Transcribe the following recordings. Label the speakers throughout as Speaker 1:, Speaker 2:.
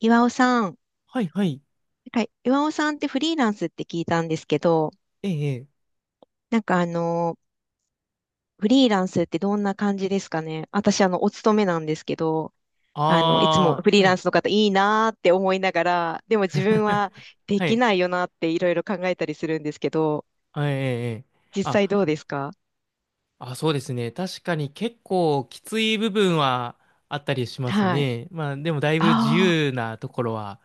Speaker 1: 岩尾さん、
Speaker 2: はいはい。
Speaker 1: なんか岩尾さんってフリーランスって聞いたんですけど、
Speaker 2: ええ、ええ。
Speaker 1: なんかフリーランスってどんな感じですかね？私、お勤めなんですけど、いつも
Speaker 2: あ
Speaker 1: フ
Speaker 2: あ、
Speaker 1: リー
Speaker 2: は
Speaker 1: ラン
Speaker 2: い。
Speaker 1: スの方いいなーって思いながら、でも自分は で
Speaker 2: は
Speaker 1: き
Speaker 2: い。
Speaker 1: ないよなっていろいろ考えたりするんですけど、
Speaker 2: ええ。
Speaker 1: 実際ど
Speaker 2: あ、
Speaker 1: うですか？
Speaker 2: そうですね。確かに結構きつい部分はあったりします
Speaker 1: はい。
Speaker 2: ね。まあ、でもだいぶ自
Speaker 1: あ、
Speaker 2: 由なところは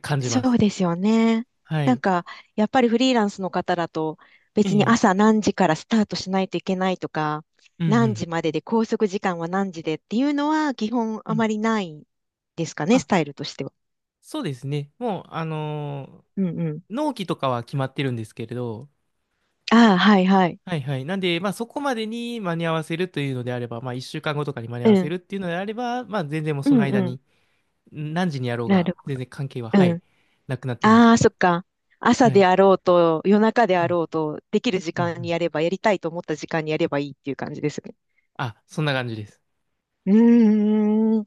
Speaker 2: 感じま
Speaker 1: そう
Speaker 2: す。
Speaker 1: ですよね。
Speaker 2: は
Speaker 1: なん
Speaker 2: い。
Speaker 1: か、やっぱりフリーランスの方だと、
Speaker 2: え
Speaker 1: 別に
Speaker 2: え、
Speaker 1: 朝何時からスタートしないといけないとか、
Speaker 2: うんう
Speaker 1: 何
Speaker 2: ん。
Speaker 1: 時までで拘束時間は何時でっていうのは基本
Speaker 2: う
Speaker 1: あま
Speaker 2: ん
Speaker 1: りないですかね、
Speaker 2: あ、
Speaker 1: スタイルとしては。
Speaker 2: そうですね。もう、
Speaker 1: うんうん。
Speaker 2: 納期とかは決まってるんですけれど、
Speaker 1: ああ、はいはい。
Speaker 2: はいはい。なんで、まあそこまでに間に合わせるというのであれば、まあ1週間後とかに間に合
Speaker 1: う
Speaker 2: わせ
Speaker 1: ん。
Speaker 2: るっていうのであれば、まあ全然もう
Speaker 1: う
Speaker 2: その
Speaker 1: ん
Speaker 2: 間
Speaker 1: うん。
Speaker 2: に何時にやろう
Speaker 1: な
Speaker 2: が、
Speaker 1: るほ
Speaker 2: 全
Speaker 1: ど。
Speaker 2: 然関係は、は
Speaker 1: う
Speaker 2: い、
Speaker 1: ん。
Speaker 2: なくなってま
Speaker 1: あ
Speaker 2: す。
Speaker 1: あ、そっか。朝
Speaker 2: は
Speaker 1: で
Speaker 2: い。
Speaker 1: あろうと、夜中で
Speaker 2: う
Speaker 1: あ
Speaker 2: ん、
Speaker 1: ろうと、できる時
Speaker 2: うん、う
Speaker 1: 間に
Speaker 2: ん。
Speaker 1: やれば、やりたいと思った時間にやればいいっていう感じですね。
Speaker 2: あ、そんな感じです。
Speaker 1: うーん。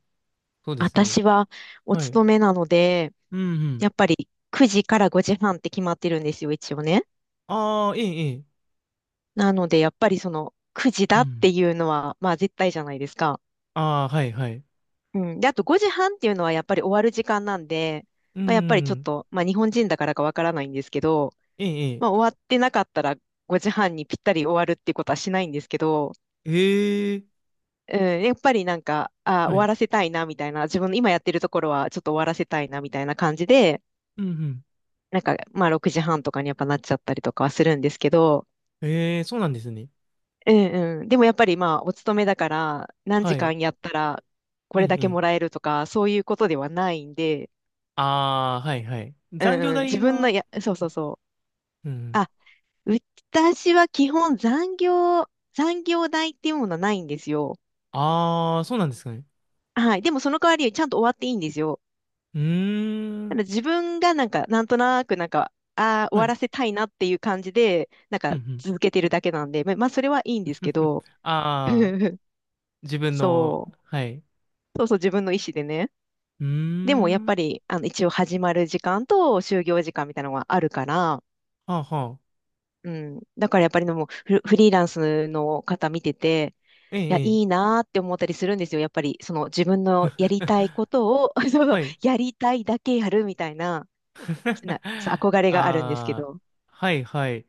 Speaker 2: そうですね。
Speaker 1: 私はお
Speaker 2: はい。
Speaker 1: 勤めなので、
Speaker 2: うん、うん。
Speaker 1: やっぱり9時から5時半って決まってるんですよ、一応ね。
Speaker 2: ああ、ええ、ええ。
Speaker 1: なので、やっぱりその9時
Speaker 2: う
Speaker 1: だって
Speaker 2: ん。
Speaker 1: いうのは、まあ絶対じゃないですか。
Speaker 2: ああ、はい、はい。
Speaker 1: うん。で、あと5時半っていうのはやっぱり終わる時間なんで、
Speaker 2: う
Speaker 1: まあ、やっぱりちょっ
Speaker 2: ん。
Speaker 1: と、まあ日本人だからかわからないんですけど、
Speaker 2: ええ、え
Speaker 1: まあ
Speaker 2: え。
Speaker 1: 終わってなかったら5時半にぴったり終わるっていうことはしないんですけど、
Speaker 2: ええ、
Speaker 1: うん、やっぱりなんか、あ、終
Speaker 2: は
Speaker 1: わ
Speaker 2: い。
Speaker 1: らせたいなみたいな、自分の今やってるところはちょっと終わらせたいなみたいな感じで、
Speaker 2: うん、うん。
Speaker 1: なんか、まあ、6時半とかにやっぱなっちゃったりとかはするんですけど、
Speaker 2: ええ、そうなんですね。
Speaker 1: うんうん。でもやっぱりまあ、お勤めだから、何
Speaker 2: は
Speaker 1: 時
Speaker 2: い。
Speaker 1: 間やったら、こ
Speaker 2: ええ、
Speaker 1: れだ
Speaker 2: え
Speaker 1: けもら
Speaker 2: え。
Speaker 1: えるとか、そういうことではないんで、
Speaker 2: ああ、はい、はい。
Speaker 1: う
Speaker 2: 残
Speaker 1: ん
Speaker 2: 業
Speaker 1: うん。
Speaker 2: 代
Speaker 1: 自分の
Speaker 2: は、
Speaker 1: や、そうそうそ
Speaker 2: う
Speaker 1: う。
Speaker 2: ん。
Speaker 1: あ、私は基本残業代っていうものはないんですよ。
Speaker 2: ああ、そうなんですかね。
Speaker 1: はい。でもその代わり、ちゃんと終わっていいんですよ。
Speaker 2: うー
Speaker 1: た
Speaker 2: ん。
Speaker 1: だ自分がなんか、なんとなくなんか、ああ、終
Speaker 2: は
Speaker 1: わ
Speaker 2: い。
Speaker 1: らせたいなっていう感じで、なん
Speaker 2: う
Speaker 1: か
Speaker 2: ん、うん。
Speaker 1: 続けてるだけなんで、ままあ、それはいいんですけ ど、
Speaker 2: ああ、自分の、
Speaker 1: そ
Speaker 2: はい。う
Speaker 1: う。そうそう、自分の意思でね。
Speaker 2: ー
Speaker 1: でもやっぱ
Speaker 2: ん。
Speaker 1: り、一応始まる時間と就業時間みたいなのがあるから、
Speaker 2: はあ、はあ。
Speaker 1: うん。だからやっぱりでもフリーランスの方見てて、
Speaker 2: ええ、
Speaker 1: いや、
Speaker 2: え
Speaker 1: いい
Speaker 2: え。
Speaker 1: なーって思ったりするんですよ。やっぱり、その自分のやりたいことを、そうそう、
Speaker 2: はい。
Speaker 1: やりたいだけやるみたいな、な 憧れがあるんですけ
Speaker 2: ああ、
Speaker 1: ど。
Speaker 2: はいはい。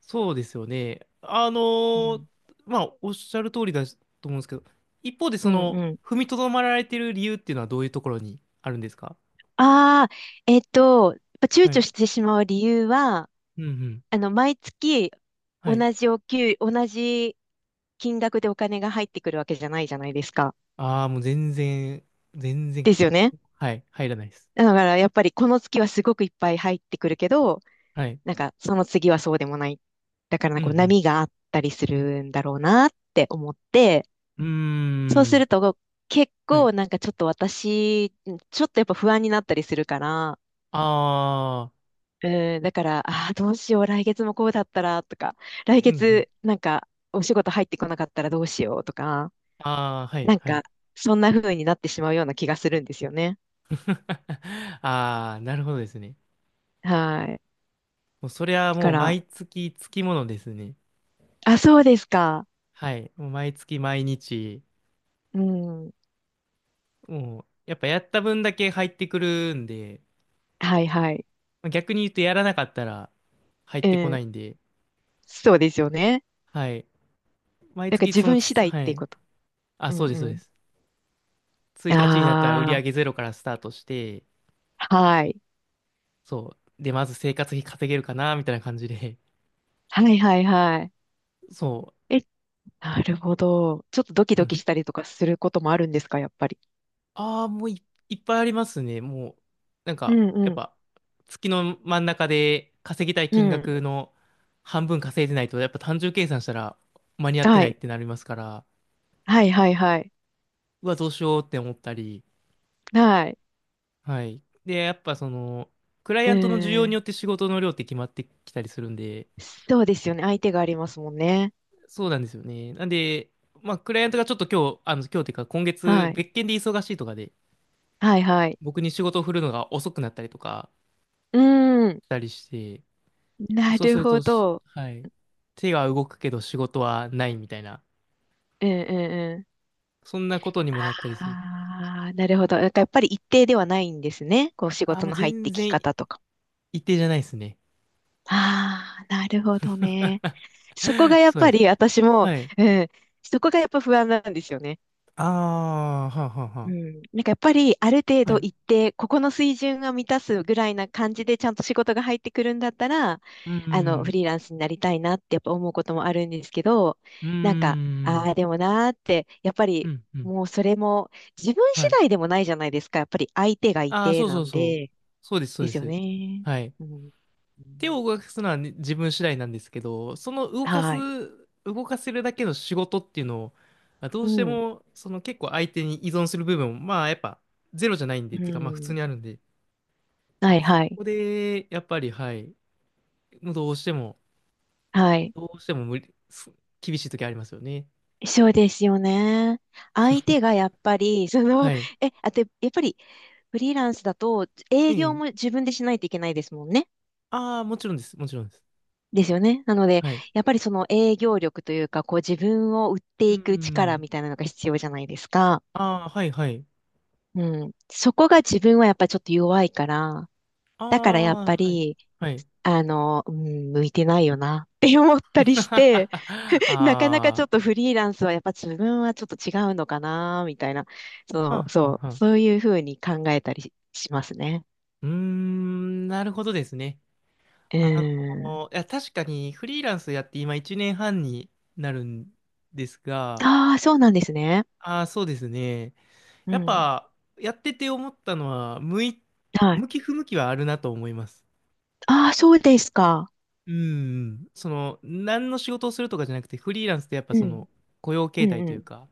Speaker 2: そうですよね。
Speaker 1: うん。
Speaker 2: まあ、おっしゃる通りだと思うんですけど、一方で
Speaker 1: う
Speaker 2: そ
Speaker 1: ん
Speaker 2: の、
Speaker 1: うん。
Speaker 2: 踏みとどまられてる理由っていうのはどういうところにあるんですか？
Speaker 1: ああ、やっぱ躊
Speaker 2: は
Speaker 1: 躇
Speaker 2: い。
Speaker 1: してしまう理由は、
Speaker 2: うんうん。
Speaker 1: 毎月
Speaker 2: はい。
Speaker 1: 同じ金額でお金が入ってくるわけじゃないじゃないですか。
Speaker 2: ああ、もう全然、全然、
Speaker 1: ですよね。
Speaker 2: はい、入らないです。
Speaker 1: だからやっぱりこの月はすごくいっぱい入ってくるけど、
Speaker 2: はい。
Speaker 1: なんかその次はそうでもない。だからな
Speaker 2: う
Speaker 1: んかこう
Speaker 2: ん
Speaker 1: 波があったりするんだろうなって思って、
Speaker 2: うん。う
Speaker 1: そう
Speaker 2: ー
Speaker 1: す
Speaker 2: ん。
Speaker 1: ると結
Speaker 2: はい。
Speaker 1: 構なんかちょっと私、ちょっとやっぱ不安になったりするから、
Speaker 2: ああ、
Speaker 1: うん、だから、ああ、どうしよう、来月もこうだったらとか、来
Speaker 2: うんうん。
Speaker 1: 月なんかお仕事入ってこなかったらどうしようとか、
Speaker 2: ああ、はい、
Speaker 1: なん
Speaker 2: は
Speaker 1: か、
Speaker 2: い。
Speaker 1: そんな風になってしまうような気がするんですよね。
Speaker 2: ああ、なるほどですね。
Speaker 1: はい。
Speaker 2: もうそれは
Speaker 1: だ
Speaker 2: も
Speaker 1: か
Speaker 2: う
Speaker 1: ら、
Speaker 2: 毎月つきものですね。
Speaker 1: あ、そうですか。
Speaker 2: はい。もう毎月毎日、
Speaker 1: うん。
Speaker 2: もうやっぱやった分だけ入ってくるんで、
Speaker 1: はいはい。
Speaker 2: まあ逆に言うとやらなかったら入っ
Speaker 1: う
Speaker 2: てこな
Speaker 1: ん。
Speaker 2: いんで、
Speaker 1: そうですよね。
Speaker 2: はい。毎
Speaker 1: なんか
Speaker 2: 月
Speaker 1: 自
Speaker 2: その
Speaker 1: 分次
Speaker 2: つ、
Speaker 1: 第っ
Speaker 2: は
Speaker 1: ていうこ
Speaker 2: い。
Speaker 1: と。
Speaker 2: あ、
Speaker 1: う
Speaker 2: そう
Speaker 1: ん
Speaker 2: です、そう
Speaker 1: う
Speaker 2: で
Speaker 1: ん。
Speaker 2: す。1日になったら売り
Speaker 1: あ
Speaker 2: 上げゼロからスタートして、
Speaker 1: あ、はい。
Speaker 2: そう。で、まず生活費稼げるかな、みたいな感じで、
Speaker 1: はいはいはい。
Speaker 2: そ
Speaker 1: え、なるほど。ちょっとドキ
Speaker 2: う。
Speaker 1: ド
Speaker 2: うん
Speaker 1: キしたりとかすることもあるんですか、やっぱり。
Speaker 2: ああ、もうい、いっぱいありますね。もう、なん
Speaker 1: う
Speaker 2: か、
Speaker 1: ん
Speaker 2: やっ
Speaker 1: うん。
Speaker 2: ぱ、月の真ん中で稼ぎたい
Speaker 1: う
Speaker 2: 金
Speaker 1: ん。
Speaker 2: 額の半分稼いでないと、やっぱ単純計算したら間に合って
Speaker 1: は
Speaker 2: ないっ
Speaker 1: い。
Speaker 2: てなりますから、
Speaker 1: はいはいはい。
Speaker 2: うわ、どうしようって思ったり、
Speaker 1: はい。
Speaker 2: はい。で、やっぱその、クライ
Speaker 1: う
Speaker 2: アントの需要に
Speaker 1: ん。
Speaker 2: よって仕事の量って決まってきたりするんで、
Speaker 1: そうですよね。相手がありますもんね。
Speaker 2: そうなんですよね。なんで、まあ、クライアントがちょっと今日っていうか今月、
Speaker 1: はい。
Speaker 2: 別件で忙しいとかで、
Speaker 1: はいはい。
Speaker 2: 僕に仕事を振るのが遅くなったりとか
Speaker 1: うん。
Speaker 2: したりして、
Speaker 1: な
Speaker 2: そうす
Speaker 1: る
Speaker 2: る
Speaker 1: ほ
Speaker 2: とし、
Speaker 1: ど。
Speaker 2: はい。手が動くけど仕事はないみたいな。
Speaker 1: うんうんうん。
Speaker 2: そんなことにもなったりする。
Speaker 1: ああ、なるほど。だからやっぱり一定ではないんですね。こう仕
Speaker 2: ああ、
Speaker 1: 事
Speaker 2: もう
Speaker 1: の入っ
Speaker 2: 全
Speaker 1: てき
Speaker 2: 然
Speaker 1: 方とか。
Speaker 2: 一定じゃないですね。
Speaker 1: ああ、なるほどね。そこが やっ
Speaker 2: そうで
Speaker 1: ぱり
Speaker 2: す。
Speaker 1: 私も、
Speaker 2: はい。
Speaker 1: うん、そこがやっぱ不安なんですよね。
Speaker 2: ああ、はあはあ
Speaker 1: う
Speaker 2: は
Speaker 1: ん、なんかやっぱりある程
Speaker 2: あ。はい。
Speaker 1: 度
Speaker 2: う
Speaker 1: 行って、ここの水準が満たすぐらいな感じでちゃんと仕事が入ってくるんだったら、
Speaker 2: ー
Speaker 1: フ
Speaker 2: ん。
Speaker 1: リーランスになりたいなってやっぱ思うこともあるんですけど、
Speaker 2: うー
Speaker 1: なんか、
Speaker 2: ん。
Speaker 1: ああ、でもなーって、やっぱ
Speaker 2: う
Speaker 1: り
Speaker 2: ん、うん。
Speaker 1: もうそれも自分
Speaker 2: は
Speaker 1: 次
Speaker 2: い。
Speaker 1: 第でもないじゃないですか。やっぱり相手がい
Speaker 2: ああ、
Speaker 1: て
Speaker 2: そうそ
Speaker 1: な
Speaker 2: う
Speaker 1: ん
Speaker 2: そう。
Speaker 1: で、
Speaker 2: そうです、そう
Speaker 1: で
Speaker 2: で
Speaker 1: すよ
Speaker 2: す。
Speaker 1: ね。
Speaker 2: はい。
Speaker 1: うん。う
Speaker 2: 手
Speaker 1: ん
Speaker 2: を動かすのはね自分次第なんですけど、
Speaker 1: はい。
Speaker 2: 動かせるだけの仕事っていうのを、まあど
Speaker 1: う
Speaker 2: うして
Speaker 1: ん。
Speaker 2: も、その結構相手に依存する部分も、まあやっぱゼロじゃないんで、っ
Speaker 1: う
Speaker 2: ていうかまあ普通にあ
Speaker 1: ん。
Speaker 2: るんで、こ
Speaker 1: はいはい。
Speaker 2: こで、やっぱり、はい、もうどうしても、
Speaker 1: はい。
Speaker 2: どうしても無理、す厳しい時ありますよね。
Speaker 1: そうですよね。相手がやっぱり、
Speaker 2: はい。
Speaker 1: あと、やっぱりフリーランスだと
Speaker 2: え
Speaker 1: 営業も
Speaker 2: え。
Speaker 1: 自分でしないといけないですもんね。
Speaker 2: ああ、もちろんです。もちろんです。
Speaker 1: ですよね。なので、
Speaker 2: はい。
Speaker 1: やっぱりその営業力というか、こう自分を売っ
Speaker 2: う
Speaker 1: て
Speaker 2: ー
Speaker 1: いく力
Speaker 2: ん。
Speaker 1: みたいなのが必要じゃないですか。
Speaker 2: ああ、はい、はい。
Speaker 1: うん。そこが自分はやっぱりちょっと弱いから、
Speaker 2: あ
Speaker 1: だからやっぱ
Speaker 2: あ、はい。
Speaker 1: り、
Speaker 2: はい。
Speaker 1: うん、向いてないよなって思ったりして、
Speaker 2: あ
Speaker 1: なかなかちょ
Speaker 2: あ、
Speaker 1: っとフリーランスはやっぱ自分はちょっと違うのかな、みたいな。
Speaker 2: は
Speaker 1: そ
Speaker 2: ん
Speaker 1: う、
Speaker 2: はん
Speaker 1: そ
Speaker 2: は
Speaker 1: う、
Speaker 2: ん。
Speaker 1: そういうふうに考えたりしますね。
Speaker 2: うーん、なるほどですね。
Speaker 1: う
Speaker 2: あ
Speaker 1: ん。
Speaker 2: いや、確かにフリーランスやって今1年半になるんですが、
Speaker 1: ああ、そうなんですね。
Speaker 2: ああ、そうですね。
Speaker 1: う
Speaker 2: やっ
Speaker 1: ん。
Speaker 2: ぱ、やってて思ったのは、
Speaker 1: はい。
Speaker 2: 向き不向きはあるなと思います。
Speaker 1: ああ、そうですか。
Speaker 2: うん、その、何の仕事をするとかじゃなくて、フリーランスってやっぱ
Speaker 1: う
Speaker 2: そ
Speaker 1: ん。
Speaker 2: の、雇用
Speaker 1: う
Speaker 2: 形態
Speaker 1: ん
Speaker 2: と
Speaker 1: う
Speaker 2: いうか、
Speaker 1: ん。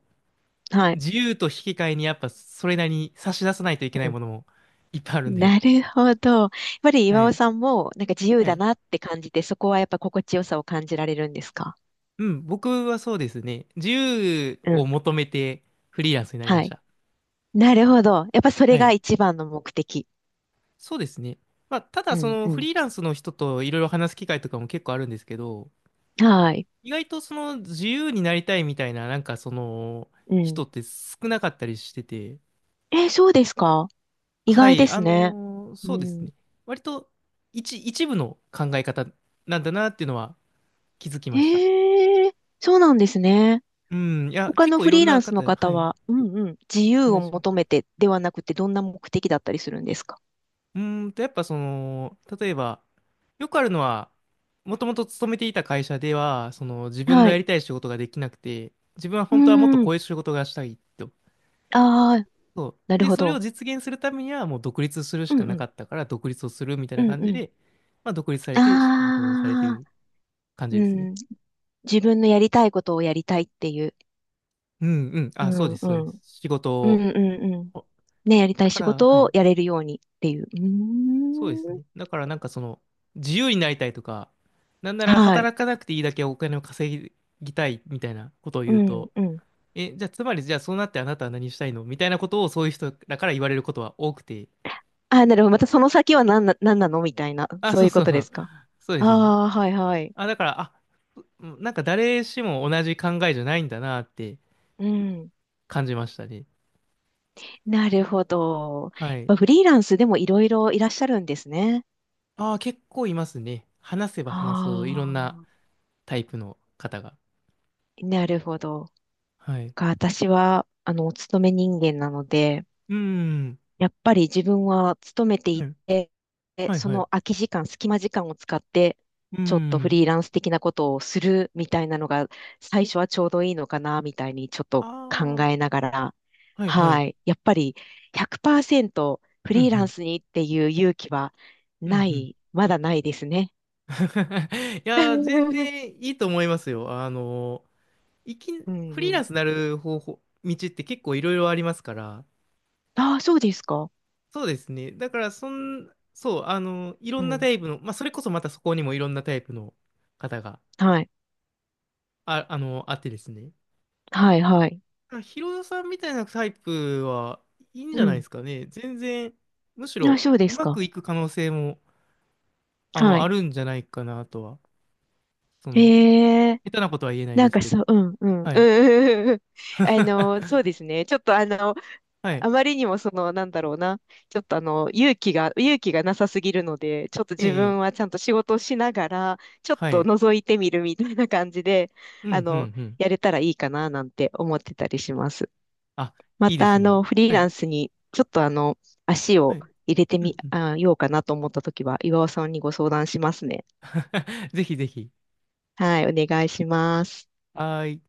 Speaker 1: はい。
Speaker 2: 自由と引き換えにやっぱそれなりに差し出さないといけない
Speaker 1: う
Speaker 2: ものもいっぱいあるん
Speaker 1: ん。
Speaker 2: で。
Speaker 1: なるほど。やっぱり
Speaker 2: は
Speaker 1: 岩尾
Speaker 2: い。
Speaker 1: さんも、なんか自由
Speaker 2: は
Speaker 1: だ
Speaker 2: い。
Speaker 1: なって感じて、そこはやっぱ心地よさを感じられるんですか？
Speaker 2: うん、僕はそうですね。自由
Speaker 1: う
Speaker 2: を
Speaker 1: ん。
Speaker 2: 求めてフリーランスになりま
Speaker 1: は
Speaker 2: し
Speaker 1: い。
Speaker 2: た。
Speaker 1: なるほど。やっぱそれ
Speaker 2: は
Speaker 1: が
Speaker 2: い。
Speaker 1: 一番の目的。
Speaker 2: そうですね。まあ、ただ
Speaker 1: う
Speaker 2: そ
Speaker 1: ん
Speaker 2: のフ
Speaker 1: う
Speaker 2: リーランスの人といろいろ話す機会とかも結構あるんですけど、
Speaker 1: ん。はい。
Speaker 2: 意外とその自由になりたいみたいな、なんかその
Speaker 1: うん。
Speaker 2: 人って少なかったりしてて、
Speaker 1: えー、そうですか？意
Speaker 2: は
Speaker 1: 外で
Speaker 2: い、
Speaker 1: すね。
Speaker 2: そ
Speaker 1: う
Speaker 2: うです
Speaker 1: ん。
Speaker 2: ね。割と一部の考え方なんだなっていうのは気づき
Speaker 1: え
Speaker 2: ました。
Speaker 1: ー、そうなんですね。
Speaker 2: うん、いや、
Speaker 1: 他
Speaker 2: 結
Speaker 1: の
Speaker 2: 構い
Speaker 1: フ
Speaker 2: ろ
Speaker 1: リー
Speaker 2: ん
Speaker 1: ラ
Speaker 2: な
Speaker 1: ンスの
Speaker 2: 方、は
Speaker 1: 方
Speaker 2: い、
Speaker 1: は、うんうん、自由
Speaker 2: いら
Speaker 1: を
Speaker 2: っしゃる。
Speaker 1: 求めてではなくて、どんな目的だったりするんですか？
Speaker 2: うーんと、やっぱその、例えば、よくあるのは、もともと勤めていた会社では、その自分
Speaker 1: は
Speaker 2: のや
Speaker 1: い。
Speaker 2: りたい仕事ができなくて、自分は
Speaker 1: うー
Speaker 2: 本当はもっとこ
Speaker 1: ん。
Speaker 2: ういう仕事がしたいと。
Speaker 1: ああ、
Speaker 2: そ
Speaker 1: な
Speaker 2: う。
Speaker 1: る
Speaker 2: で、
Speaker 1: ほ
Speaker 2: それを
Speaker 1: ど。
Speaker 2: 実現するためにはもう独立するし
Speaker 1: うん
Speaker 2: か
Speaker 1: う
Speaker 2: なか
Speaker 1: ん。
Speaker 2: ったから、独立をするみたい
Speaker 1: う
Speaker 2: な
Speaker 1: ん
Speaker 2: 感
Speaker 1: う
Speaker 2: じ
Speaker 1: ん。
Speaker 2: で、まあ独立されて、仕事をされて
Speaker 1: ああ、
Speaker 2: る感じ
Speaker 1: う
Speaker 2: ですね。
Speaker 1: ん。自分のやりたいことをやりたいっていう。
Speaker 2: うんうん。
Speaker 1: う
Speaker 2: あ、そう
Speaker 1: ん
Speaker 2: で
Speaker 1: う
Speaker 2: す、そうで
Speaker 1: ん。う
Speaker 2: す。
Speaker 1: ん
Speaker 2: 仕事
Speaker 1: う
Speaker 2: を。
Speaker 1: んうん。
Speaker 2: お
Speaker 1: ね、やりた
Speaker 2: だ
Speaker 1: い
Speaker 2: か
Speaker 1: 仕
Speaker 2: ら、は
Speaker 1: 事を
Speaker 2: い。
Speaker 1: やれるようにっていう。うー
Speaker 2: そうですね。
Speaker 1: ん。
Speaker 2: だからなんかその、自由になりたいとか、なんなら
Speaker 1: はい。
Speaker 2: 働かなくていいだけお金を稼ぎたいみたいなことを
Speaker 1: う
Speaker 2: 言う
Speaker 1: ん
Speaker 2: と、
Speaker 1: うん。
Speaker 2: え、じゃあつまりじゃあそうなってあなたは何したいのみたいなことをそういう人だから言われることは多くて。
Speaker 1: ああ、なるほど。またその先は何なのみたいな、
Speaker 2: あ、
Speaker 1: そう
Speaker 2: そう
Speaker 1: いう
Speaker 2: そ
Speaker 1: こ
Speaker 2: う
Speaker 1: と
Speaker 2: そ
Speaker 1: で
Speaker 2: う。
Speaker 1: すか。
Speaker 2: そうですね。
Speaker 1: ああ、はいはい。
Speaker 2: あ、だから、あ、うんなんか誰しも同じ考えじゃないんだなって
Speaker 1: うん。
Speaker 2: 感じましたね。
Speaker 1: なるほど。
Speaker 2: は
Speaker 1: やっ
Speaker 2: い。
Speaker 1: ぱフリーランスでもいろいろいらっしゃるんですね。
Speaker 2: ああ、結構いますね。話せば
Speaker 1: あ
Speaker 2: 話すほどいろんなタイプの方が。
Speaker 1: あ、なるほど。
Speaker 2: はい。
Speaker 1: 私は、お勤め人間なので、
Speaker 2: うーん。
Speaker 1: やっぱり自分は勤めて
Speaker 2: は
Speaker 1: い
Speaker 2: い
Speaker 1: て、
Speaker 2: はい
Speaker 1: そ
Speaker 2: はい。う
Speaker 1: の空き時間、隙間時間を使って、
Speaker 2: ー
Speaker 1: ちょっとフ
Speaker 2: ん。
Speaker 1: リーランス的なことをするみたいなのが、最初はちょうどいいのかな、みたいにちょっと考
Speaker 2: ああ、
Speaker 1: えながら、
Speaker 2: はいは
Speaker 1: は
Speaker 2: い。
Speaker 1: い。やっぱり100%フ
Speaker 2: うんう
Speaker 1: リーラン
Speaker 2: ん。
Speaker 1: スにっていう勇気は
Speaker 2: う
Speaker 1: な
Speaker 2: んうん。
Speaker 1: い、まだないですね。
Speaker 2: いやー、全 然いいと思いますよ。ー、いき、
Speaker 1: うん
Speaker 2: フ
Speaker 1: う
Speaker 2: リーラン
Speaker 1: ん。
Speaker 2: スになる方法、道って結構いろいろありますから。
Speaker 1: ああ、そうですか。
Speaker 2: そうですね。だから、そう、いろ
Speaker 1: う
Speaker 2: んな
Speaker 1: ん。
Speaker 2: タイプの、まあ、それこそまたそこにもいろんなタイプの方が、
Speaker 1: はい。
Speaker 2: あってですね。
Speaker 1: はい、はい。
Speaker 2: まあヒロさんみたいなタイプはいいんじ
Speaker 1: う
Speaker 2: ゃないで
Speaker 1: ん。
Speaker 2: すかね。全然、むし
Speaker 1: ああ、
Speaker 2: ろ、
Speaker 1: そうで
Speaker 2: う
Speaker 1: す
Speaker 2: まく
Speaker 1: か。
Speaker 2: いく可能性も、あ
Speaker 1: は
Speaker 2: の、あ
Speaker 1: い。
Speaker 2: るんじゃないかなとは。その、
Speaker 1: へえ、
Speaker 2: 下手なことは言えない
Speaker 1: な
Speaker 2: で
Speaker 1: ん
Speaker 2: す
Speaker 1: か
Speaker 2: け
Speaker 1: そ
Speaker 2: ど。
Speaker 1: う、うん、うん、うん、
Speaker 2: はい。
Speaker 1: うん、うんうん。そうですね。ちょっと
Speaker 2: はい。
Speaker 1: あまりにもなんだろうな。ちょっと勇気がなさすぎるので、ちょっと
Speaker 2: え
Speaker 1: 自
Speaker 2: え、
Speaker 1: 分
Speaker 2: え
Speaker 1: は
Speaker 2: え
Speaker 1: ちゃんと仕事をしながら、ちょっ
Speaker 2: は
Speaker 1: と
Speaker 2: い。
Speaker 1: 覗いてみるみたいな感じで、
Speaker 2: う
Speaker 1: あ
Speaker 2: ん、う
Speaker 1: の、
Speaker 2: ん、うん。
Speaker 1: やれたらいいかな、なんて思ってたりします。
Speaker 2: あ、
Speaker 1: ま
Speaker 2: いいで
Speaker 1: た、
Speaker 2: すね。
Speaker 1: フリー
Speaker 2: は
Speaker 1: ラ
Speaker 2: い。
Speaker 1: ンスに、ちょっと足
Speaker 2: は
Speaker 1: を
Speaker 2: い。
Speaker 1: 入れて
Speaker 2: う
Speaker 1: み、
Speaker 2: ん、うん。
Speaker 1: ようかなと思ったときは、岩尾さんにご相談しますね。
Speaker 2: ぜひぜひ。
Speaker 1: はい、お願いします。
Speaker 2: はーい。